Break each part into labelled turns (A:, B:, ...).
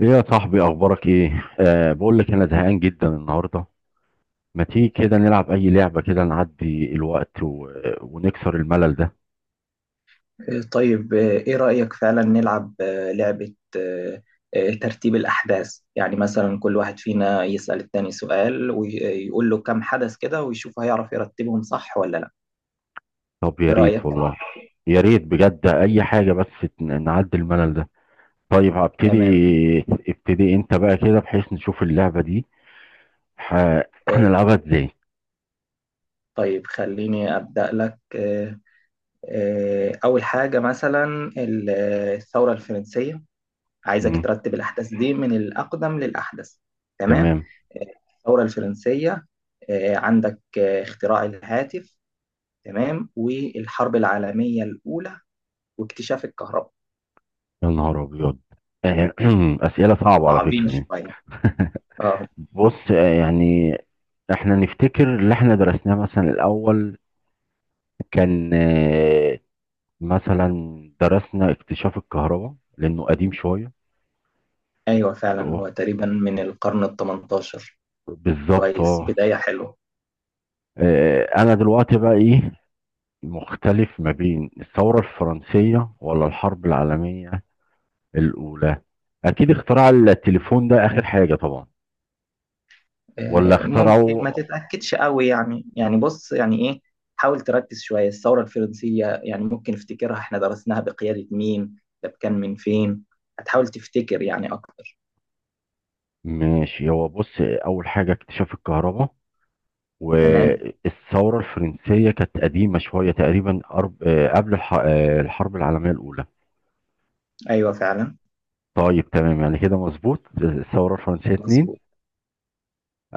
A: ايه يا صاحبي، اخبارك ايه؟ بقول لك انا زهقان جدا النهارده. ما تيجي كده نلعب اي لعبه كده نعدي الوقت ونكسر الملل ده.
B: طيب إيه رأيك فعلا نلعب لعبة ترتيب الأحداث. يعني مثلا كل واحد فينا يسأل التاني سؤال ويقول له كم حدث كده، ويشوف هيعرف يرتبهم صح ولا لا.
A: طب يا
B: إيه
A: ريت
B: رأيك؟
A: والله. يا ريت بجد اي حاجه بس نعدي الملل ده. طيب هبتدي.
B: تمام.
A: ابتدي انت بقى كده بحيث نشوف اللعبه دي ح...
B: آه،
A: هنلعبها ازاي؟
B: طيب خليني أبدأ لك أول حاجة مثلا الثورة الفرنسية. عايزك
A: مم.
B: ترتب الأحداث دي من الأقدم للأحدث. تمام.
A: تمام.
B: آه، الثورة الفرنسية، عندك اختراع الهاتف، تمام، والحرب العالمية الأولى، واكتشاف الكهرباء.
A: يا نهار ابيض. آه، اسئله صعبه على
B: تعظيم
A: فكره دي.
B: شوية. اه.
A: بص، يعني احنا نفتكر اللي احنا درسناه مثلا الاول كان، مثلا، درسنا اكتشاف الكهرباء لانه قديم شويه.
B: ايوه فعلا،
A: هو
B: هو تقريبا من القرن ال 18.
A: بالظبط،
B: كويس،
A: اه.
B: بداية حلوة.
A: انا دلوقتي بقى ايه مختلف ما بين الثوره الفرنسيه ولا الحرب العالميه الاولى؟ اكيد اختراع التليفون ده اخر حاجه طبعا. ولا
B: ممكن
A: اخترعوا.
B: ما تتأكدش قوي يعني بص، يعني ايه؟ حاول تركز شوية. الثورة الفرنسية يعني ممكن افتكرها، احنا درسناها بقيادة مين؟ ده كان من فين؟ هتحاول تفتكر يعني اكتر.
A: ماشي، هو بص، اول حاجه اكتشاف الكهرباء،
B: تمام،
A: والثوره الفرنسيه كانت قديمه شويه تقريبا، أرب... آه، قبل الحرب العالميه الاولى.
B: ايوه فعلا.
A: طيب تمام، يعني كده مظبوط. الثورة الفرنسية اتنين.
B: مظبوط.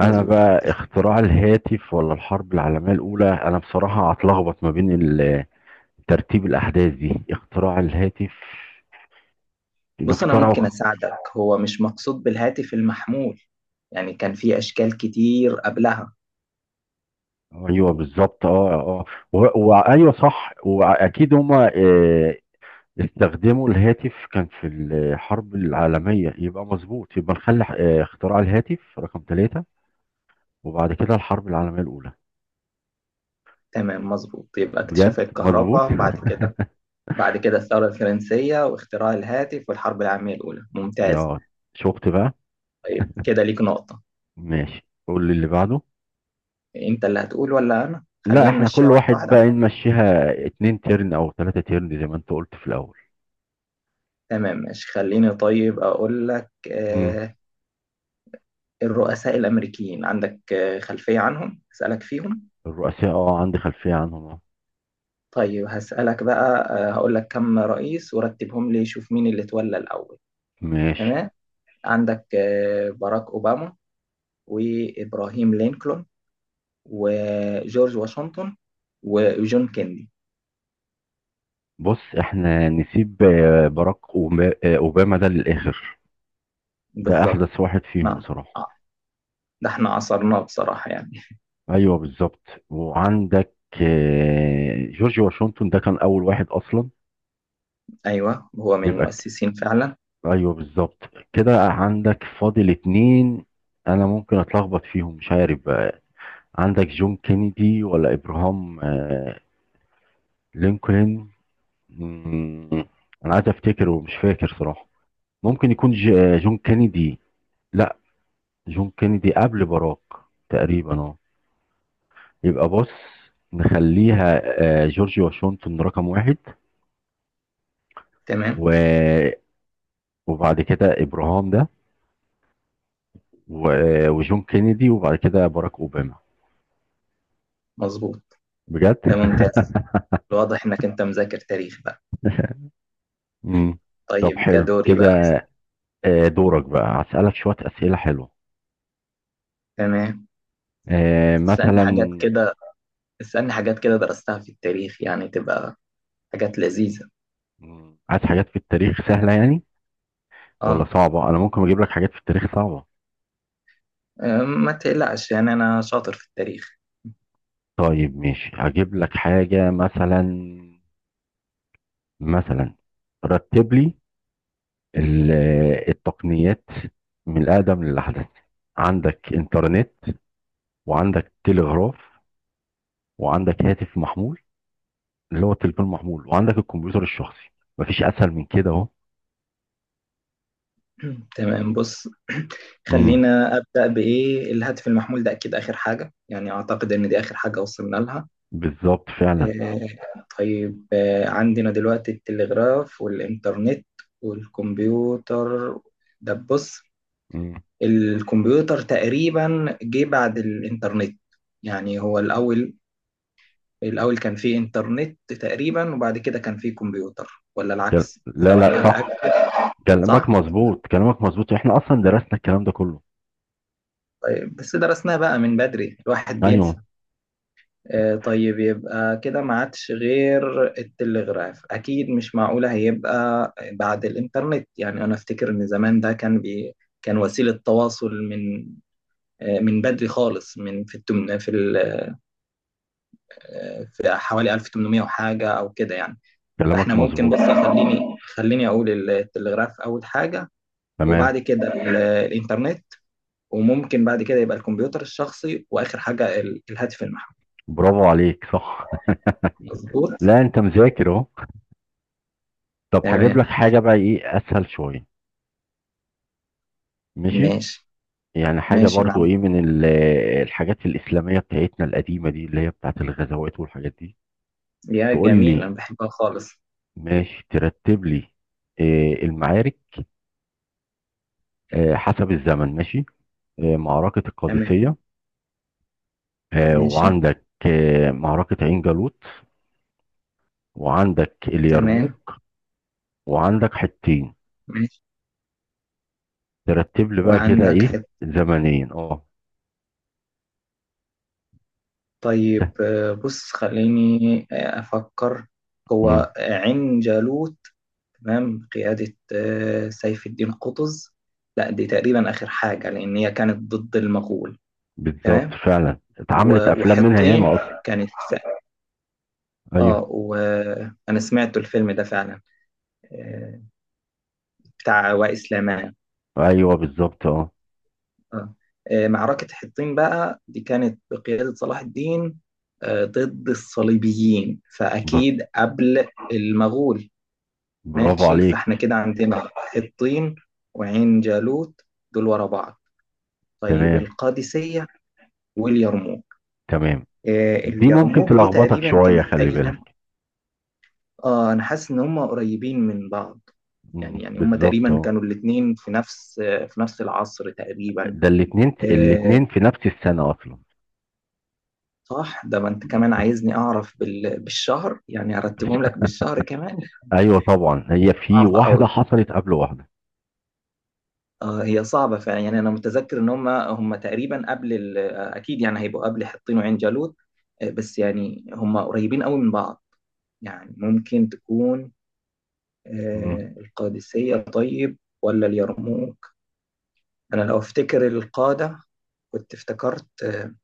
A: انا بقى
B: تفتكر؟
A: اختراع الهاتف ولا الحرب العالمية الاولى، انا بصراحة هتلخبط ما بين ترتيب الاحداث دي. اختراع الهاتف اللي
B: بص، أنا ممكن
A: اخترعه،
B: أساعدك. هو مش مقصود بالهاتف المحمول، يعني كان في أشكال كتير قبلها.
A: ايوه بالظبط، اه اه. وايوه صح، واكيد هما استخدموا الهاتف، كان في الحرب العالمية، يبقى مظبوط. يبقى نخلي اختراع الهاتف رقم 3، وبعد كده الحرب العالمية الاولى.
B: تمام مظبوط، يبقى
A: بجد
B: اكتشاف
A: مظبوط.
B: الكهرباء بعد كده. بعد كده الثورة الفرنسية واختراع الهاتف والحرب العالمية الأولى. ممتاز.
A: يا، شفت بقى.
B: طيب كده ليك نقطة.
A: ماشي قول لي اللي بعده.
B: أنت اللي هتقول ولا أنا؟
A: لا
B: خلينا
A: احنا
B: نمشيها
A: كل
B: واحدة
A: واحد بقى
B: واحدة.
A: نمشيها اتنين تيرن او تلاتة تيرن زي ما انت قلت في الاول.
B: تمام ماشي، خليني طيب أقول لك
A: مم.
B: آه الرؤساء الأمريكيين عندك خلفية عنهم؟ أسألك فيهم؟
A: الرؤساء، اه، عندي خلفية عنهم، اه.
B: طيب هسألك بقى، هقول لك كم رئيس ورتبهم لي، شوف مين اللي اتولى الأول.
A: ماشي.
B: تمام. عندك باراك أوباما، وإبراهيم لينكولن، وجورج واشنطن، وجون كيندي.
A: بص احنا نسيب باراك اوباما ده للاخر. ده
B: بالظبط.
A: احدث واحد فيهم
B: نعم.
A: بصراحة.
B: آه، ده احنا عصرناه بصراحة يعني.
A: ايوه بالظبط. وعندك جورج واشنطن ده كان اول واحد اصلا.
B: أيوه، هو من
A: يبقى ك-
B: المؤسسين فعلا.
A: ايوه بالظبط. كده عندك فاضل اتنين، انا ممكن اتلخبط فيهم مش عارف بقى. عندك جون كينيدي ولا ابراهام لينكولن؟ مم. انا عايز افتكر ومش فاكر صراحة. ممكن يكون جون كينيدي. لا، جون كينيدي قبل باراك تقريبا، اه. يبقى بص، نخليها جورج واشنطن رقم 1،
B: تمام
A: و... وبعد كده ابراهام ده، و... آه، وجون كينيدي، وبعد كده باراك اوباما.
B: مظبوط.
A: بجد.
B: ده ممتاز، واضح إنك أنت مذاكر تاريخ بقى.
A: مم. طب
B: طيب
A: حلو
B: كدوري بقى.
A: كده. دورك بقى، هسألك شوية أسئلة حلوة.
B: تمام. اسألني
A: مثلا.
B: حاجات كده، اسألني حاجات كده درستها في التاريخ، يعني تبقى حاجات لذيذة.
A: مم. عايز حاجات في التاريخ سهلة يعني ولا
B: اه.
A: صعبة؟ انا ممكن اجيب لك حاجات في التاريخ صعبة.
B: ما تقلقش يعني، أنا شاطر في التاريخ.
A: طيب ماشي هجيب لك حاجة. مثلا، مثلا، رتب لي ال- التقنيات من الأقدم للأحدث. عندك إنترنت، وعندك تلغراف، وعندك هاتف محمول اللي هو التليفون المحمول، وعندك الكمبيوتر الشخصي. مفيش أسهل من كده أهو.
B: تمام بص،
A: امم
B: خلينا أبدأ بإيه. الهاتف المحمول ده أكيد آخر حاجة، يعني أعتقد إن دي آخر حاجة وصلنا لها.
A: بالظبط فعلا.
B: آه، طيب، عندنا دلوقتي التلغراف والإنترنت والكمبيوتر. ده بص،
A: مم.
B: الكمبيوتر تقريبا جه بعد الإنترنت، يعني هو الأول. الأول كان فيه إنترنت تقريبا، وبعد كده كان فيه كمبيوتر، ولا العكس؟
A: لا لا
B: سواء متأكد.
A: صح، كلامك
B: صح؟
A: مظبوط، كلامك مظبوط، احنا اصلا درسنا الكلام ده كله.
B: طيب بس درسناه بقى من بدري، الواحد بينسى.
A: ايوه.
B: طيب يبقى كده ما عادش غير التلغراف. اكيد مش معقولة هيبقى بعد الانترنت، يعني انا افتكر ان زمان ده كان بي. كان وسيلة تواصل من من بدري خالص، من في التمن في ال... آه، في حوالي 1800 وحاجة او كده يعني. فاحنا
A: كلامك
B: ممكن
A: مظبوط،
B: بص خليني اقول التلغراف اول حاجة.
A: تمام.
B: وبعد كده الانترنت. وممكن بعد كده يبقى الكمبيوتر الشخصي، واخر حاجة الهاتف المحمول.
A: برافو عليك، صح.
B: مظبوط.
A: لا انت مذاكر اهو. طب هجيب لك
B: تمام
A: حاجه بقى ايه اسهل شويه. ماشي.
B: ماشي.
A: يعني حاجه
B: ماشي مع.
A: برضو ايه من الحاجات الاسلاميه بتاعتنا القديمه دي، اللي هي بتاعت الغزوات والحاجات دي.
B: يا
A: تقول
B: جميل،
A: لي.
B: أنا بحبها خالص.
A: ماشي ترتب لي المعارك حسب الزمن، ماشي. معركه
B: تمام
A: القادسيه،
B: ماشي.
A: وعندك معركه عين جالوت، وعندك
B: تمام
A: اليرموك، وعندك حطين.
B: ماشي.
A: ترتب لي بقى كده
B: وعندك
A: ايه،
B: حتة.
A: زمنيا، اه.
B: طيب بص خليني أفكر.
A: مم.
B: هو عين جالوت. تمام، قيادة سيف الدين قطز. لا، دي تقريبا آخر حاجة لأن هي كانت ضد المغول.
A: بالظبط
B: تمام.
A: فعلا، اتعملت
B: و-
A: افلام منها
B: وحطين
A: ياما اصلا.
B: كانت.
A: ايوه.
B: اه، وأنا سمعت الفيلم ده فعلا، آه، بتاع وائل سليمان.
A: ايوه بالظبط، اه.
B: آه. معركة حطين بقى دي كانت بقيادة صلاح الدين، ضد الصليبيين،
A: بر-
B: فأكيد قبل المغول.
A: برافو
B: ماشي، فاحنا
A: عليك.
B: كده عندنا حطين وعين جالوت دول ورا بعض. طيب
A: تمام.
B: القادسية واليرموك.
A: تمام. دي ممكن
B: اليرموك دي
A: تلخبطك
B: تقريبا
A: شويه،
B: كانت
A: خلي
B: أيام.
A: بالك.
B: اه، أنا حاسس إن هم قريبين من بعض.
A: مم.
B: يعني هم
A: بالظبط
B: تقريبا
A: اه.
B: كانوا الاتنين في نفس، في نفس العصر تقريبا.
A: ده الاتنين
B: آه،
A: الاتنين في نفس السنه اصلا.
B: صح. ده ما انت كمان
A: طب.
B: عايزني اعرف بالشهر، يعني ارتبهم لك بالشهر كمان؟
A: ايوه طبعا، هي في
B: صعبة
A: واحده
B: قوي.
A: حصلت قبل واحده.
B: اه، هي صعبة فعلا. يعني انا متذكر ان هم تقريبا اكيد يعني هيبقوا قبل حطين وعين جالوت. بس يعني هم قريبين قوي من بعض. يعني ممكن تكون
A: مم.
B: القادسية طيب ولا اليرموك؟ انا لو افتكر القادة كنت افتكرت آه،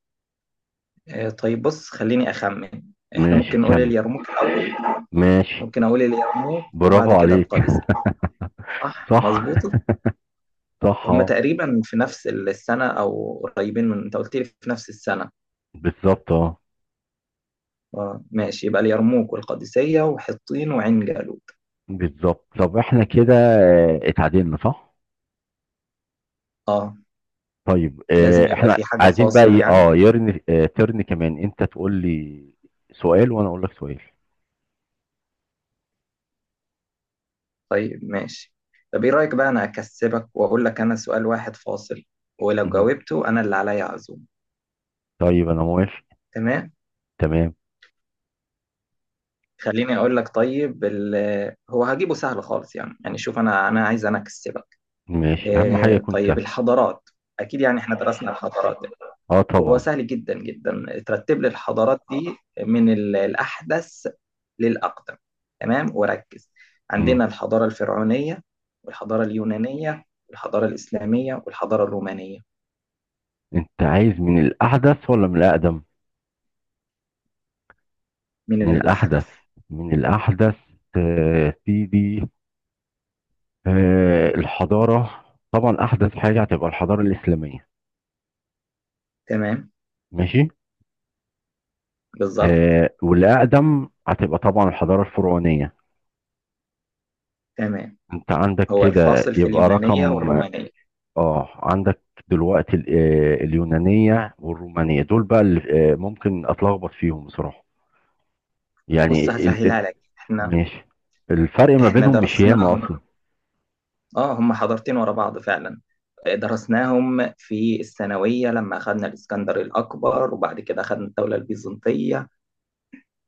B: آه، طيب بص خليني اخمن. احنا
A: ماشي
B: ممكن نقول
A: خم.
B: اليرموك الاول.
A: ماشي.
B: ممكن اقول اليرموك
A: برافو
B: وبعد كده
A: عليك.
B: القادسية. صح،
A: صح.
B: مظبوطة.
A: صح
B: هما
A: اه.
B: تقريبا في نفس السنة، أو قريبين من، أنت قلت لي في نفس السنة.
A: بالظبط اه.
B: آه ماشي، يبقى اليرموك والقادسية وحطين وعين جالوت.
A: بالظبط. طب احنا كده اتعادلنا، صح؟
B: آه.
A: طيب
B: لازم يبقى
A: احنا
B: في حاجة
A: عايزين بقى
B: فاصل
A: ايه،
B: يعني.
A: يرن آه، ترن كمان، انت تقول لي سؤال وانا اقول لك سؤال.
B: طيب ماشي. طب إيه رأيك بقى، أنا أكسبك وأقول لك أنا سؤال واحد فاصل، ولو
A: مهم.
B: جاوبته أنا اللي عليا عزوم.
A: طيب انا موافق.
B: تمام.
A: تمام.
B: خليني أقول لك. طيب هو هجيبه سهل خالص. يعني شوف، أنا عايز أنا أكسبك.
A: ماشي، اهم حاجه
B: آه
A: يكون
B: طيب
A: سهل.
B: الحضارات. أكيد يعني إحنا درسنا الحضارات.
A: اه
B: هو
A: طبعا.
B: سهل جدا جدا، ترتب لي الحضارات دي من الأحدث للأقدم. تمام وركز.
A: مم.
B: عندنا الحضارة الفرعونية، والحضارة اليونانية، والحضارة الإسلامية، والحضارة الرومانية.
A: انت عايز من الاحدث ولا من الاقدم؟
B: من
A: من الاحدث.
B: الأحدث.
A: من الاحدث سيدي، آه، الحضاره طبعا احدث حاجه هتبقى الحضاره الاسلاميه.
B: تمام.
A: ماشي.
B: بالظبط.
A: والاقدم هتبقى طبعا الحضاره الفرعونيه.
B: تمام.
A: انت عندك
B: هو
A: كده
B: الفاصل في
A: يبقى
B: اليونانية
A: رقم.
B: والرومانية.
A: اه عندك دلوقتي اليونانية والرومانية، دول بقى اللي ممكن اتلخبط فيهم بصراحة.
B: بص
A: يعني
B: هسهلها لك. احنا
A: ماشي. الفرق ما
B: احنا
A: بينهم مش ياما
B: درسناهم.
A: اصلا.
B: اه، هم حضارتين ورا بعض فعلا. درسناهم في الثانوية لما أخذنا الإسكندر الأكبر، وبعد كده أخذنا الدولة البيزنطية.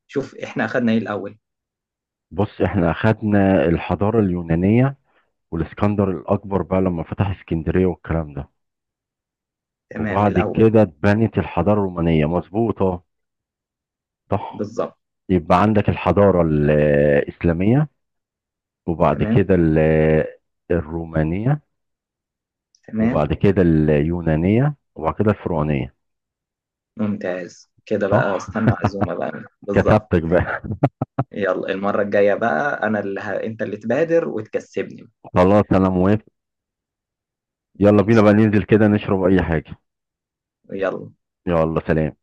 B: شوف احنا اخدنا ايه الاول.
A: بص احنا اخدنا الحضارة اليونانية والاسكندر الاكبر بقى لما فتح اسكندرية والكلام ده،
B: تمام.
A: وبعد
B: الاول.
A: كده اتبنت الحضارة الرومانية مظبوطة، صح.
B: بالظبط.
A: يبقى عندك الحضارة الاسلامية، وبعد
B: تمام.
A: كده الرومانية،
B: تمام.
A: وبعد كده اليونانية، وبعد كده الفرعونية.
B: ممتاز كده بقى،
A: صح.
B: استنى عزومة بقى. بالظبط.
A: كتبتك بقى.
B: يلا المرة الجاية بقى، انا اللي انت اللي تبادر وتكسبني.
A: خلاص انا موافق. يلا بينا
B: ماشي.
A: بقى ننزل كده نشرب اي حاجة.
B: يلا.
A: يلا سلام.